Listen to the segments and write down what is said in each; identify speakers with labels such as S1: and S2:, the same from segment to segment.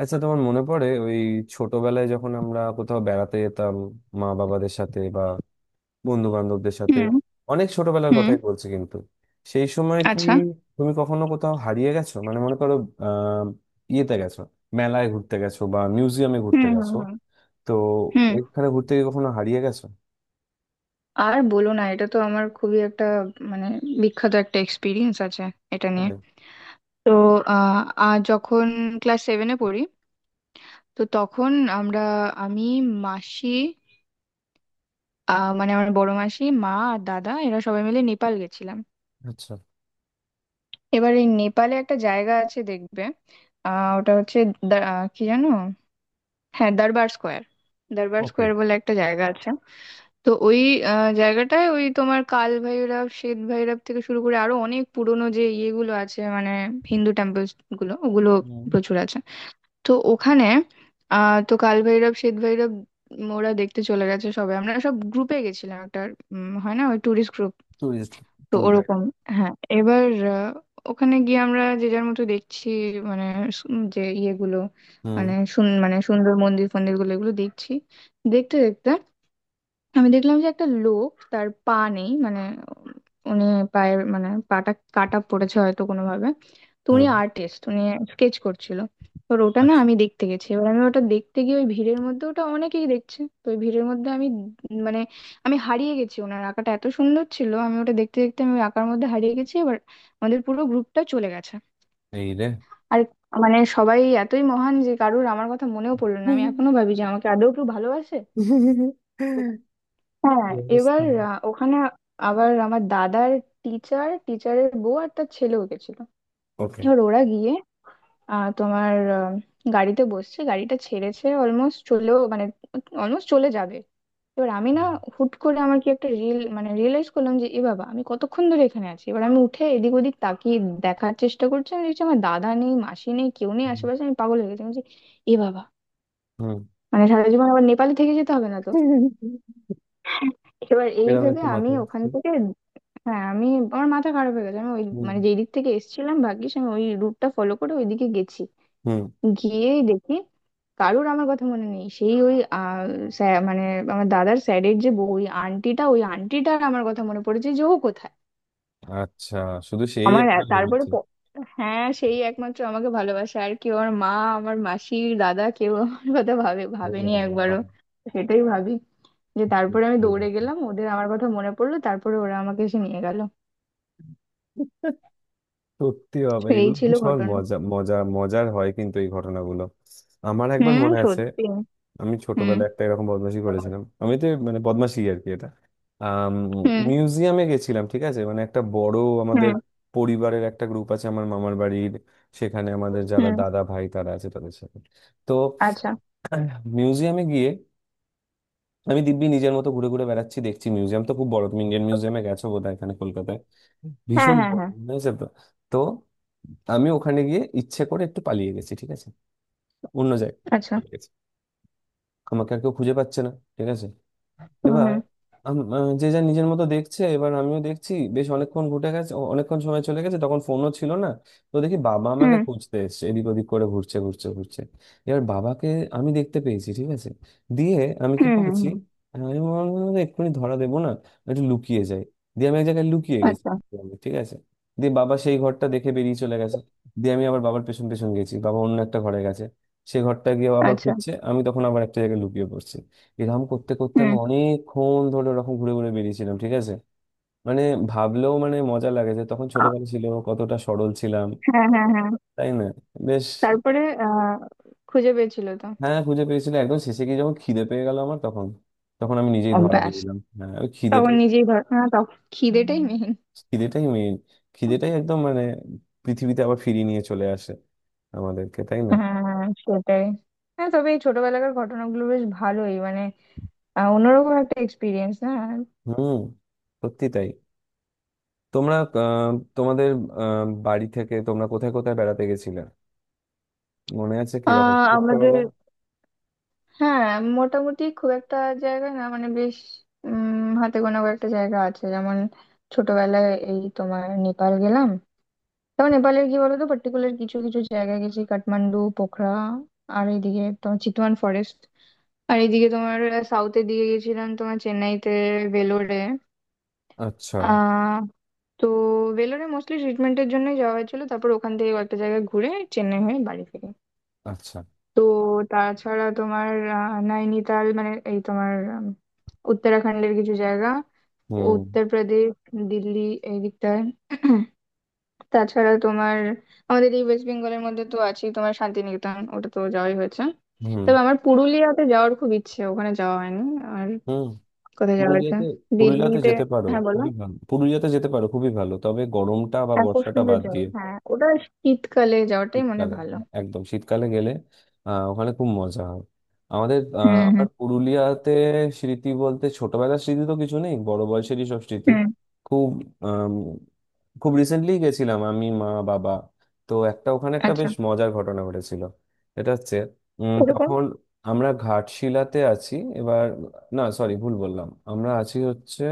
S1: আচ্ছা, তোমার মনে পড়ে ওই ছোটবেলায় যখন আমরা কোথাও বেড়াতে যেতাম মা বাবাদের সাথে বা বন্ধু বান্ধবদের সাথে?
S2: হুম
S1: অনেক ছোটবেলার
S2: হুম,
S1: কথাই বলছি কিন্তু। সেই সময় কি
S2: আচ্ছা।
S1: তুমি কখনো কোথাও হারিয়ে গেছো? মানে মনে করো, আহ ইয়েতে গেছো, মেলায় ঘুরতে গেছো বা মিউজিয়ামে
S2: হুম
S1: ঘুরতে
S2: হুম
S1: গেছো।
S2: হুম
S1: তো
S2: হুম।
S1: এখানে ঘুরতে গিয়ে কখনো হারিয়ে গেছো?
S2: আর বলো না, এটা তো আমার খুবই একটা মানে বিখ্যাত একটা এক্সপিরিয়েন্স আছে এটা নিয়ে।
S1: তাই?
S2: তো আহ আহ, যখন ক্লাস 7-এ পড়ি, তো তখন আমরা, আমি, মাসি, মানে আমার বড় মাসি, মা আর দাদা এরা সবাই মিলে নেপাল গেছিলাম।
S1: আচ্ছা।
S2: এবার এই নেপালে একটা জায়গা আছে দেখবে, ওটা হচ্ছে কি জানো, হ্যাঁ দরবার স্কোয়ার, দরবার
S1: ওকে।
S2: স্কোয়ার বলে একটা জায়গা আছে। তো ওই জায়গাটায় ওই তোমার কাল ভৈরব, শ্বেত ভৈরব থেকে শুরু করে আরো অনেক পুরনো যে ইয়েগুলো আছে, মানে হিন্দু টেম্পলস গুলো ওগুলো
S1: হুম।
S2: প্রচুর আছে। তো ওখানে তো কাল ভৈরব, শ্বেত ভৈরব, ওরা দেখতে চলে গেছে সবাই। আমরা সব গ্রুপে গেছিলাম একটা, হয় না ওই ট্যুরিস্ট গ্রুপ,
S1: টুরিস্ট।
S2: তো
S1: ট্যুর গাইড।
S2: ওরকম। হ্যাঁ এবার আহ, ওখানে গিয়ে আমরা যে যার মতো দেখছি, মানে যে ইয়েগুলো,
S1: হুম
S2: মানে সুন্দর মন্দির ফন্দির গুলো এগুলো দেখছি। দেখতে দেখতে আমি দেখলাম যে একটা লোক, তার পা নেই, মানে উনি পায়ের মানে পাটা কাটা পড়েছে হয়তো কোনো ভাবে। তো উনি
S1: হুম।
S2: আর্টিস্ট, উনি স্কেচ করছিল। এবার ওটা না
S1: আচ্ছা।
S2: আমি দেখতে গেছি, এবার আমি ওটা দেখতে গিয়ে ওই ভিড়ের মধ্যে, ওটা অনেকেই দেখছে তো ওই ভিড়ের মধ্যে আমি মানে আমি হারিয়ে গেছি। ওনার আঁকাটা এত সুন্দর ছিল, আমি ওটা দেখতে দেখতে আমি ওই আঁকার মধ্যে হারিয়ে গেছি। এবার আমাদের পুরো গ্রুপটা চলে গেছে
S1: এই রে
S2: আর মানে সবাই এতই মহান যে কারুর আমার কথা মনেও পড়লো না। আমি
S1: হুম।
S2: এখনো ভাবি যে আমাকে আদৌ কেউ ভালোবাসে। হ্যাঁ
S1: কি
S2: এবার
S1: অবস্থা?
S2: ওখানে আবার আমার দাদার টিচার, টিচারের বউ আর তার ছেলেও গেছিল।
S1: ওকে।
S2: এবার ওরা গিয়ে তোমার গাড়িতে বসছে, গাড়িটা ছেড়েছে, অলমোস্ট চলেও মানে অলমোস্ট চলে যাবে। এবার আমি না হুট করে আমার কি একটা রিল মানে রিয়েলাইজ করলাম যে এ বাবা, আমি কতক্ষণ ধরে এখানে আছি। এবার আমি উঠে এদিক ওদিক তাকিয়ে দেখার চেষ্টা করছি, আমি দেখছি আমার দাদা নেই, মাসি নেই, কেউ নেই
S1: হুম।
S2: আশেপাশে। আমি পাগল হয়ে গেছি, আমি বলছি, এ বাবা,
S1: হুম।
S2: মানে সারা জীবন আবার নেপালে থেকে যেতে হবে না তো। এবার এই
S1: এরকম
S2: ভেবে
S1: একটু
S2: আমি
S1: মাথা
S2: ওখান
S1: ঘুরছে।
S2: থেকে, হ্যাঁ আমি, আমার মাথা খারাপ হয়ে গেছে। আমি ওই
S1: হুম
S2: মানে যেই দিক থেকে এসেছিলাম, ভাগ্যিস আমি ওই রুটটা ফলো করে ওইদিকে গেছি।
S1: হুম।
S2: গিয়েই দেখি কারুর আমার কথা মনে নেই, সেই ওই মানে আমার দাদার স্যারের যে বউ, ওই আন্টিটা, ওই আন্টিটার আমার কথা মনে পড়েছে যে ও কোথায়।
S1: আচ্ছা, শুধু সেই
S2: আমার এ-
S1: একবার
S2: তারপরে
S1: ভেবেছি।
S2: প- হ্যাঁ সেই একমাত্র আমাকে ভালোবাসে, আর কেউ, আমার মা, আমার মাসির দাদা, কেউ আমার কথা ভাবে
S1: ও
S2: ভাবেনি
S1: বাবা,
S2: একবারও, সেটাই ভাবি। যে তারপরে আমি
S1: দুঃখের
S2: দৌড়ে
S1: ব্যাপার।
S2: গেলাম, ওদের আমার কথা মনে পড়লো, তারপরে ওরা আমাকে এসে নিয়ে গেল।
S1: সত্যি
S2: তো
S1: বাবা,
S2: এই
S1: এগুলো
S2: ছিল
S1: ভীষণ
S2: ঘটনা।
S1: মজা মজা মজার হয় কিন্তু এই ঘটনাগুলো। আমার একবার
S2: হুম
S1: মনে আছে,
S2: সত্যি।
S1: আমি
S2: হুম
S1: ছোটবেলায় একটা এরকম বদমাশি করেছিলাম। আমি তো, মানে, বদমাশি আর কি এটা। আম,
S2: হুম
S1: মিউজিয়ামে গেছিলাম, ঠিক আছে। মানে একটা বড় আমাদের
S2: হুম
S1: পরিবারের একটা গ্রুপ আছে আমার মামার বাড়ির। সেখানে আমাদের যারা
S2: হুম,
S1: দাদা ভাই তারা আছে তাদের সাথে। তো
S2: আচ্ছা।
S1: মিউজিয়ামে গিয়ে আমি দিব্যি নিজের মতো ঘুরে ঘুরে বেড়াচ্ছি, দেখছি মিউজিয়াম তো খুব বড়। তুমি ইন্ডিয়ান মিউজিয়ামে গেছো বোধহয়, এখানে কলকাতায়।
S2: হ্যাঁ
S1: ভীষণ
S2: হ্যাঁ
S1: বড়
S2: হ্যাঁ,
S1: হয়েছে তো। তো আমি ওখানে গিয়ে ইচ্ছে করে একটু পালিয়ে গেছি, ঠিক আছে। অন্য জায়গায়
S2: আচ্ছা।
S1: চলে গেছি। আমাকে আর কেউ খুঁজে পাচ্ছে না, ঠিক আছে।
S2: হুম
S1: এবার
S2: হুম
S1: যে যা নিজের মতো দেখছে, এবার আমিও দেখছি। বেশ অনেকক্ষণ ঘুটে গেছে, অনেকক্ষণ সময় চলে গেছে, তখন ফোনও ছিল না। তো দেখি বাবা আমাকে
S2: হুম
S1: খুঁজতে এসছে, এদিক ওদিক করে ঘুরছে ঘুরছে ঘুরছে। এবার বাবাকে আমি দেখতে পেয়েছি, ঠিক আছে। দিয়ে আমি কি
S2: হুম হুম,
S1: করেছি,
S2: হুম।
S1: আমি ভাবলাম, "আরে, এক্ষুনি ধরা দেবো না, একটু লুকিয়ে যাই।" দিয়ে আমি এক জায়গায় লুকিয়ে গেছি।
S2: আচ্ছা
S1: আমি, ঠিক আছে, দিয়ে বাবা সেই ঘরটা দেখে বেরিয়ে চলে গেছে। দিয়ে আমি আবার বাবার পেছন পেছন গেছি, বাবা অন্য একটা ঘরে গেছে। সে ঘরটা গিয়ে আবার
S2: আচ্ছা।
S1: খুঁজছে, আমি তখন আবার একটা জায়গায় লুকিয়ে পড়ছি। এরকম করতে করতে
S2: হুম
S1: আমি অনেকক্ষণ ধরে ওরকম ঘুরে ঘুরে বেরিয়েছিলাম, ঠিক আছে। মানে, ভাবলেও মানে মজা লাগে যে তখন
S2: আ-
S1: ছোটবেলা ছিল, কতটা সরল ছিলাম,
S2: হ্যাঁ হ্যাঁ হ্যাঁ।
S1: তাই না? বেশ।
S2: তারপরে আহ খুঁজে পেয়েছিল তো?
S1: হ্যাঁ, খুঁজে পেয়েছিল একদম শেষে গিয়ে যখন খিদে পেয়ে গেল আমার, তখন, তখন আমি নিজেই ধরা দিয়ে
S2: অভ্যাস
S1: দিলাম। হ্যাঁ, ওই
S2: তখন
S1: খিদেটাই।
S2: নিজেই হ্যাঁ তখন খিদেটাই মেইন।
S1: খিদেটাই মেইন। খিদেটাই একদম মানে পৃথিবীতে আবার ফিরিয়ে নিয়ে চলে আসে আমাদেরকে, তাই না?
S2: হ্যাঁ সেটাই। হ্যাঁ তবে এই ছোটবেলাকার ঘটনাগুলো বেশ ভালোই মানে অন্যরকম একটা এক্সপিরিয়েন্স, না?
S1: হুম, সত্যি তাই। তোমরা তোমাদের বাড়ি থেকে তোমরা কোথায় কোথায় বেড়াতে গেছিলে মনে আছে কিরকম
S2: আমাদের,
S1: ছোটবেলায়?
S2: হ্যাঁ মোটামুটি খুব একটা জায়গা না, মানে বেশ হাতে গোনা কয়েকটা জায়গা আছে। যেমন ছোটবেলায় এই তোমার নেপাল গেলাম, তখন নেপালের কি বলতো পার্টিকুলার কিছু কিছু জায়গায় গেছি, কাঠমান্ডু, পোখরা, আর এইদিকে তোমার চিতওয়ান ফরেস্ট, আর এইদিকে তোমার সাউথের দিকে গেছিলাম তোমার চেন্নাইতে, ভেলোরে।
S1: আচ্ছা
S2: আহ তো ভেলোরে মোস্টলি ট্রিটমেন্টের জন্যই যাওয়া হয়েছিল, তারপর ওখান থেকে কয়েকটা জায়গায় ঘুরে চেন্নাই হয়ে বাড়ি ফিরি।
S1: আচ্ছা।
S2: তো তাছাড়া তোমার নৈনিতাল, মানে এই তোমার উত্তরাখণ্ডের কিছু জায়গা,
S1: হুম
S2: উত্তরপ্রদেশ, দিল্লি এই দিকটায়। তাছাড়া তোমার আমাদের এই ওয়েস্ট বেঙ্গলের মধ্যে তো আছে তোমার শান্তিনিকেতন, ওটা তো যাওয়াই হয়েছে।
S1: হুম
S2: তবে আমার পুরুলিয়াতে যাওয়ার খুব ইচ্ছে, ওখানে যাওয়া হয়নি। আর
S1: হুম।
S2: কোথায় যাওয়া হয়েছে?
S1: পুরুলিয়াতে? পুরুলিয়াতে
S2: দিল্লিতে,
S1: যেতে পারো,
S2: হ্যাঁ বলো।
S1: খুবই ভালো। পুরুলিয়াতে যেতে পারো, খুবই ভালো, তবে গরমটা বা
S2: হ্যাঁ খুব
S1: বর্ষাটা
S2: সুন্দর
S1: বাদ
S2: জায়গা,
S1: দিয়ে।
S2: হ্যাঁ ওটা শীতকালে যাওয়াটাই মনে হয়
S1: শীতকালে,
S2: ভালো।
S1: একদম শীতকালে গেলে ওখানে খুব মজা হয়। আমাদের
S2: হুম
S1: আমার
S2: হুম
S1: পুরুলিয়াতে স্মৃতি বলতে ছোটবেলার স্মৃতি তো কিছু নেই, বড় বয়সেরই সব স্মৃতি।
S2: হুম,
S1: খুব আম, খুব রিসেন্টলি গেছিলাম আমি, মা বাবা। তো একটা ওখানে একটা
S2: আচ্ছা।
S1: বেশ মজার ঘটনা ঘটেছিল। এটা হচ্ছে,
S2: ওরকম।
S1: তখন আমরা ঘাটশিলাতে আছি। এবার, না সরি ভুল বললাম, আমরা আছি হচ্ছে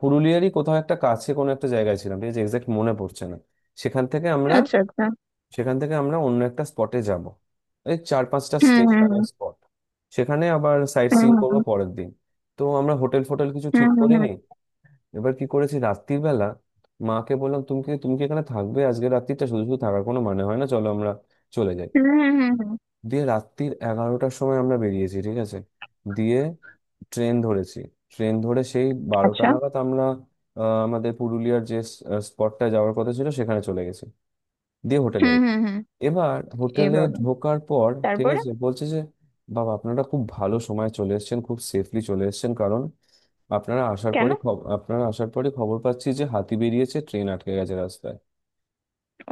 S1: পুরুলিয়ারই কোথাও একটা কাছে কোনো একটা জায়গায় ছিলাম, ঠিক আছে, এক্সাক্ট মনে পড়ছে না। সেখান থেকে আমরা
S2: আচ্ছা আচ্ছা।
S1: সেখান থেকে আমরা অন্য একটা স্পটে যাব। এই চার পাঁচটা
S2: হুম হুম
S1: স্টেশনের স্পট, সেখানে আবার সাইট
S2: হুম
S1: সিইং
S2: হুম,
S1: করবো
S2: হুম।
S1: পরের দিন। তো আমরা হোটেল ফোটেল কিছু
S2: হুম
S1: ঠিক
S2: হুম হুম
S1: করিনি। এবার কি করেছি রাত্রির বেলা, মাকে বললাম, তুমি কি এখানে থাকবে আজকে রাত্রিটা? শুধু শুধু থাকার কোনো মানে হয় না, চলো আমরা চলে যাই।
S2: হুম হুম হুম হুম।
S1: দিয়ে রাত্রির 11টার সময় আমরা বেরিয়েছি, ঠিক আছে। দিয়ে ট্রেন ধরেছি, ট্রেন ধরে সেই 12টা
S2: আচ্ছা।
S1: নাগাদ আমরা আহ, আমাদের পুরুলিয়ার যে স্পটটা যাওয়ার কথা ছিল সেখানে চলে গেছি। দিয়ে হোটেলে,
S2: হুম হুম হুম।
S1: এবার হোটেলে
S2: এভাবে
S1: ঢোকার পর, ঠিক
S2: তারপরে
S1: আছে, বলছে যে বাবা আপনারা খুব ভালো সময় চলে এসেছেন, খুব সেফলি চলে এসেছেন, কারণ
S2: কেন?
S1: আপনারা আসার পরে খবর পাচ্ছি যে হাতি বেরিয়েছে, ট্রেন আটকে গেছে রাস্তায়।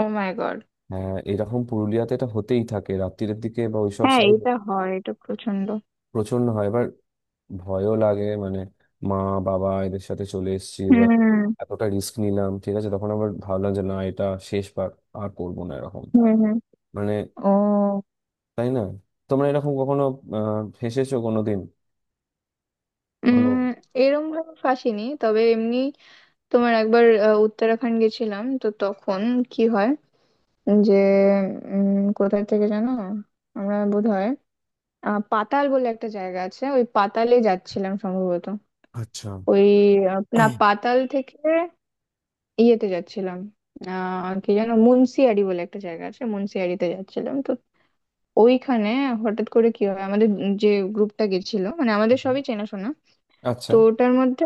S2: Oh my god.
S1: হ্যাঁ, এরকম পুরুলিয়াতে এটা হতেই থাকে রাত্রিরের দিকে বা ওইসব
S2: হ্যাঁ
S1: সাইড।
S2: এটা হয়, এটা প্রচন্ড।
S1: প্রচন্ড হয়। এবার ভয়ও লাগে মানে, মা বাবা এদের সাথে চলে এসেছি, এবার
S2: হুম
S1: এতটা রিস্ক নিলাম, ঠিক আছে। তখন আবার ভাবলাম যে না, এটা শেষবার, আর করবো না এরকম।
S2: হুম হুম।
S1: মানে,
S2: ও,
S1: তাই না? তোমরা এরকম কখনো ফেঁসেছো কোনোদিন কোনো?
S2: উম এরম ভাবে ফাঁসিনি তবে এমনি তোমার একবার উত্তরাখণ্ড গেছিলাম তো তখন কি হয় যে কোথায় থেকে জানো, আমরা বোধ হয় পাতাল বলে একটা জায়গা আছে, ওই পাতালে যাচ্ছিলাম সম্ভবত।
S1: আচ্ছা।
S2: ওই না পাতাল থেকে ইয়েতে যাচ্ছিলাম, কি যেন, মুন্সিয়ারি বলে একটা জায়গা আছে, মুন্সিয়ারিতে যাচ্ছিলাম। তো ওইখানে হঠাৎ করে কি হয় আমাদের, যে গ্রুপটা গেছিল মানে আমাদের
S1: হুম,
S2: সবই চেনাশোনা, তো
S1: আচ্ছা।
S2: ওটার মধ্যে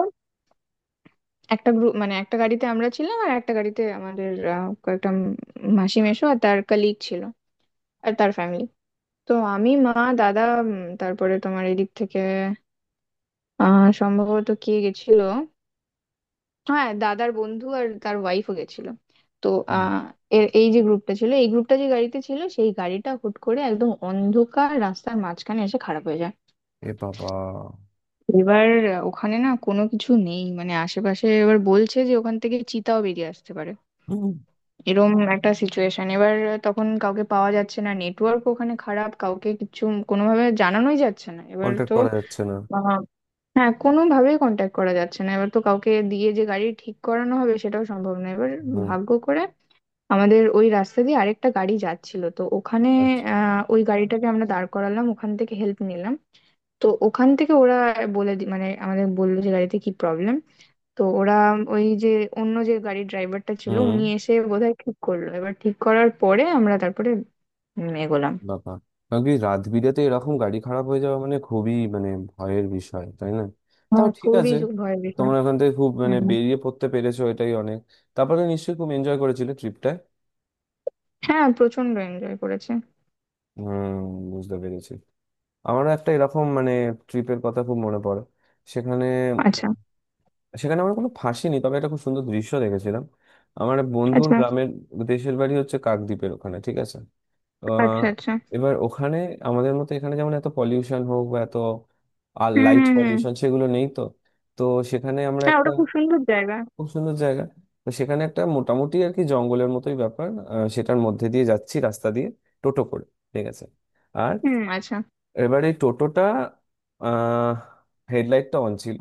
S2: একটা গ্রুপ মানে একটা গাড়িতে আমরা ছিলাম আর একটা গাড়িতে আমাদের কয়েকটা মাসি মেশো আর তার কলিগ ছিল আর তার ফ্যামিলি। তো আমি, মা, দাদা, তারপরে তোমার এদিক থেকে সম্ভবত কে গেছিল, হ্যাঁ দাদার বন্ধু আর তার ওয়াইফও গেছিল। তো
S1: হুম।
S2: আহ এর এই যে গ্রুপটা ছিল, এই গ্রুপটা যে গাড়িতে ছিল, সেই গাড়িটা হুট করে একদম অন্ধকার রাস্তার মাঝখানে এসে খারাপ হয়ে যায়।
S1: এ বাবা।
S2: এবার ওখানে না কোনো কিছু নেই মানে আশেপাশে, এবার বলছে যে ওখান থেকে চিতাও বেরিয়ে আসতে পারে, এরম একটা সিচুয়েশন। এবার তখন কাউকে পাওয়া যাচ্ছে না, নেটওয়ার্ক ওখানে খারাপ, কাউকে কিছু কোনোভাবে জানানোই যাচ্ছে না এবার
S1: কন্ট্যাক্ট
S2: তো।
S1: করা যাচ্ছে না।
S2: আহ, হ্যাঁ কোনোভাবেই কন্ট্যাক্ট করা যাচ্ছে না, এবার তো কাউকে দিয়ে যে গাড়ি ঠিক করানো হবে সেটাও সম্ভব না। এবার
S1: হুম।
S2: ভাগ্য করে আমাদের ওই রাস্তা দিয়ে আরেকটা গাড়ি যাচ্ছিল তো ওখানে।
S1: আচ্ছা।
S2: ওই গাড়িটাকে আমরা দাঁড় করালাম, ওখান থেকে হেল্প নিলাম। তো ওখান থেকে ওরা মানে আমাদের বললো যে গাড়িতে কি প্রবলেম। তো ওরা ওই যে অন্য যে গাড়ির ড্রাইভারটা ছিল,
S1: হুম।
S2: উনি এসে বোধহয় ঠিক করলো। এবার ঠিক করার পরে আমরা তারপরে এগোলাম।
S1: বাবা, কারণ কি রাত বিরেতে এরকম গাড়ি খারাপ হয়ে যাওয়া মানে খুবই মানে ভয়ের বিষয়, তাই না? তাও ঠিক আছে,
S2: ভয়ের বিষয়।
S1: তোমরা ওখান থেকে খুব মানে
S2: হুম।
S1: বেরিয়ে পড়তে পেরেছো, এটাই অনেক। তারপরে নিশ্চয়ই খুব এনজয় করেছিলে ট্রিপটা।
S2: হ্যাঁ প্রচন্ড এনজয় করেছে।
S1: হুম, বুঝতে পেরেছি। আমারও একটা এরকম মানে ট্রিপের কথা খুব মনে পড়ে। সেখানে,
S2: আচ্ছা
S1: সেখানে আমার কোনো ফাঁসি নেই তবে একটা খুব সুন্দর দৃশ্য দেখেছিলাম। আমার এক বন্ধুর
S2: আচ্ছা
S1: গ্রামের দেশের বাড়ি হচ্ছে কাকদ্বীপের ওখানে, ঠিক আছে। আহ,
S2: আচ্ছা আচ্ছা।
S1: এবার ওখানে আমাদের মতো এখানে যেমন এত পলিউশন হোক বা এত, আর
S2: হুম
S1: লাইট
S2: হুম হুম।
S1: পলিউশন, সেগুলো নেই তো। তো সেখানে আমরা
S2: হ্যাঁ
S1: একটা,
S2: ওটা খুব সুন্দর জায়গা।
S1: খুব সুন্দর জায়গা। তো সেখানে একটা মোটামুটি আর কি জঙ্গলের মতোই ব্যাপার, সেটার মধ্যে দিয়ে যাচ্ছি রাস্তা দিয়ে, টোটো করে, ঠিক আছে। আর
S2: হুম আচ্ছা
S1: এবার এই টোটোটা আহ হেডলাইটটা অন ছিল।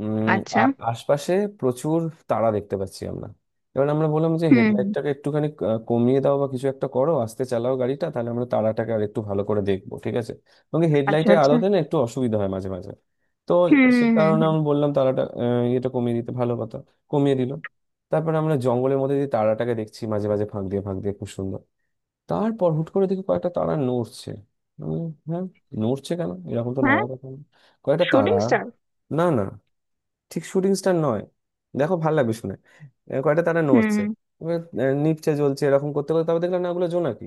S1: উম
S2: আচ্ছা।
S1: আর আশপাশে প্রচুর তারা দেখতে পাচ্ছি আমরা। এবার আমরা বললাম যে
S2: হুম হুম।
S1: হেডলাইটটাকে একটুখানি কমিয়ে দাও বা কিছু একটা করো, আস্তে চালাও গাড়িটা, তাহলে আমরা তারাটাকে আর একটু ভালো করে দেখবো, ঠিক আছে। এবং
S2: আচ্ছা
S1: হেডলাইটের
S2: আচ্ছা।
S1: আলোতে না একটু অসুবিধা হয় মাঝে মাঝে। তো
S2: হুম
S1: সে
S2: হুম হুম
S1: কারণে
S2: হুম।
S1: আমি বললাম তারাটা, এটা কমিয়ে দিতে ভালো কথা। কমিয়ে দিল। তারপরে আমরা জঙ্গলের মধ্যে দিয়ে তারাটাকে দেখছি, মাঝে মাঝে ফাঁক দিয়ে ফাঁক দিয়ে, খুব সুন্দর। তারপর হুট করে দেখি কয়েকটা তারা নড়ছে। আমি, হ্যাঁ, নড়ছে কেন? এরকম তো
S2: হ্যাঁ
S1: নড়ার কথা না। কয়েকটা তারা,
S2: শুটিং স্টার।
S1: না না, ঠিক শুটিং স্টার নয়, দেখো ভালো লাগবে শুনে। কয়টা তারা
S2: হুম
S1: নড়ছে,
S2: হুম।
S1: এবার, নিচে জ্বলছে, এরকম করতে করতে তারপর দেখলাম না ওগুলো জোনাকি।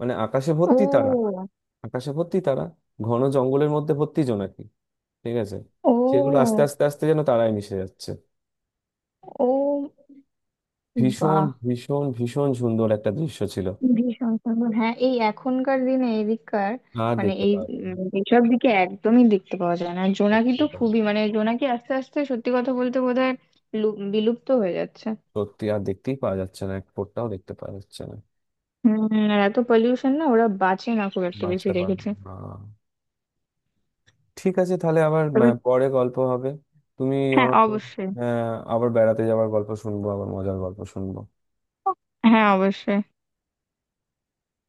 S1: মানে আকাশে ভর্তি তারা,
S2: ও।
S1: আকাশে ভর্তি তারা, ঘন জঙ্গলের মধ্যে ভর্তি জোনাকি, ঠিক আছে।
S2: ও।
S1: সেগুলো আস্তে আস্তে আস্তে যেন তারায় মিশে যাচ্ছে।
S2: ও।
S1: ভীষণ
S2: বাহ,
S1: ভীষণ ভীষণ সুন্দর একটা দৃশ্য ছিল।
S2: ভীষণ সুন্দর। হ্যাঁ এই এখনকার দিনে এদিককার
S1: আর
S2: মানে
S1: দেখতে
S2: এই
S1: পাওয়া যায় না।
S2: এইসব দিকে একদমই দেখতে পাওয়া যায় না। আর জোনাকি
S1: সত্যি
S2: তো
S1: তাই।
S2: খুবই মানে জোনাকি আস্তে আস্তে সত্যি কথা বলতে বোধহয় বিলুপ্ত হয়ে যাচ্ছে।
S1: সত্যি আর দেখতেই পাওয়া যাচ্ছে না, এক ফোঁটাও দেখতে পাওয়া যাচ্ছে না।
S2: হম। আর এত পলিউশন, না ওরা বাঁচে না, খুব একটা বেশি
S1: বাঁচতে পারে
S2: দেখেছে।
S1: না। ঠিক আছে, তাহলে আবার
S2: তবে
S1: পরে গল্প হবে। তুমি
S2: হ্যাঁ
S1: আমাকে
S2: অবশ্যই।
S1: আবার বেড়াতে যাওয়ার গল্প শুনবো, আবার মজার গল্প শুনবো।
S2: হ্যাঁ অবশ্যই।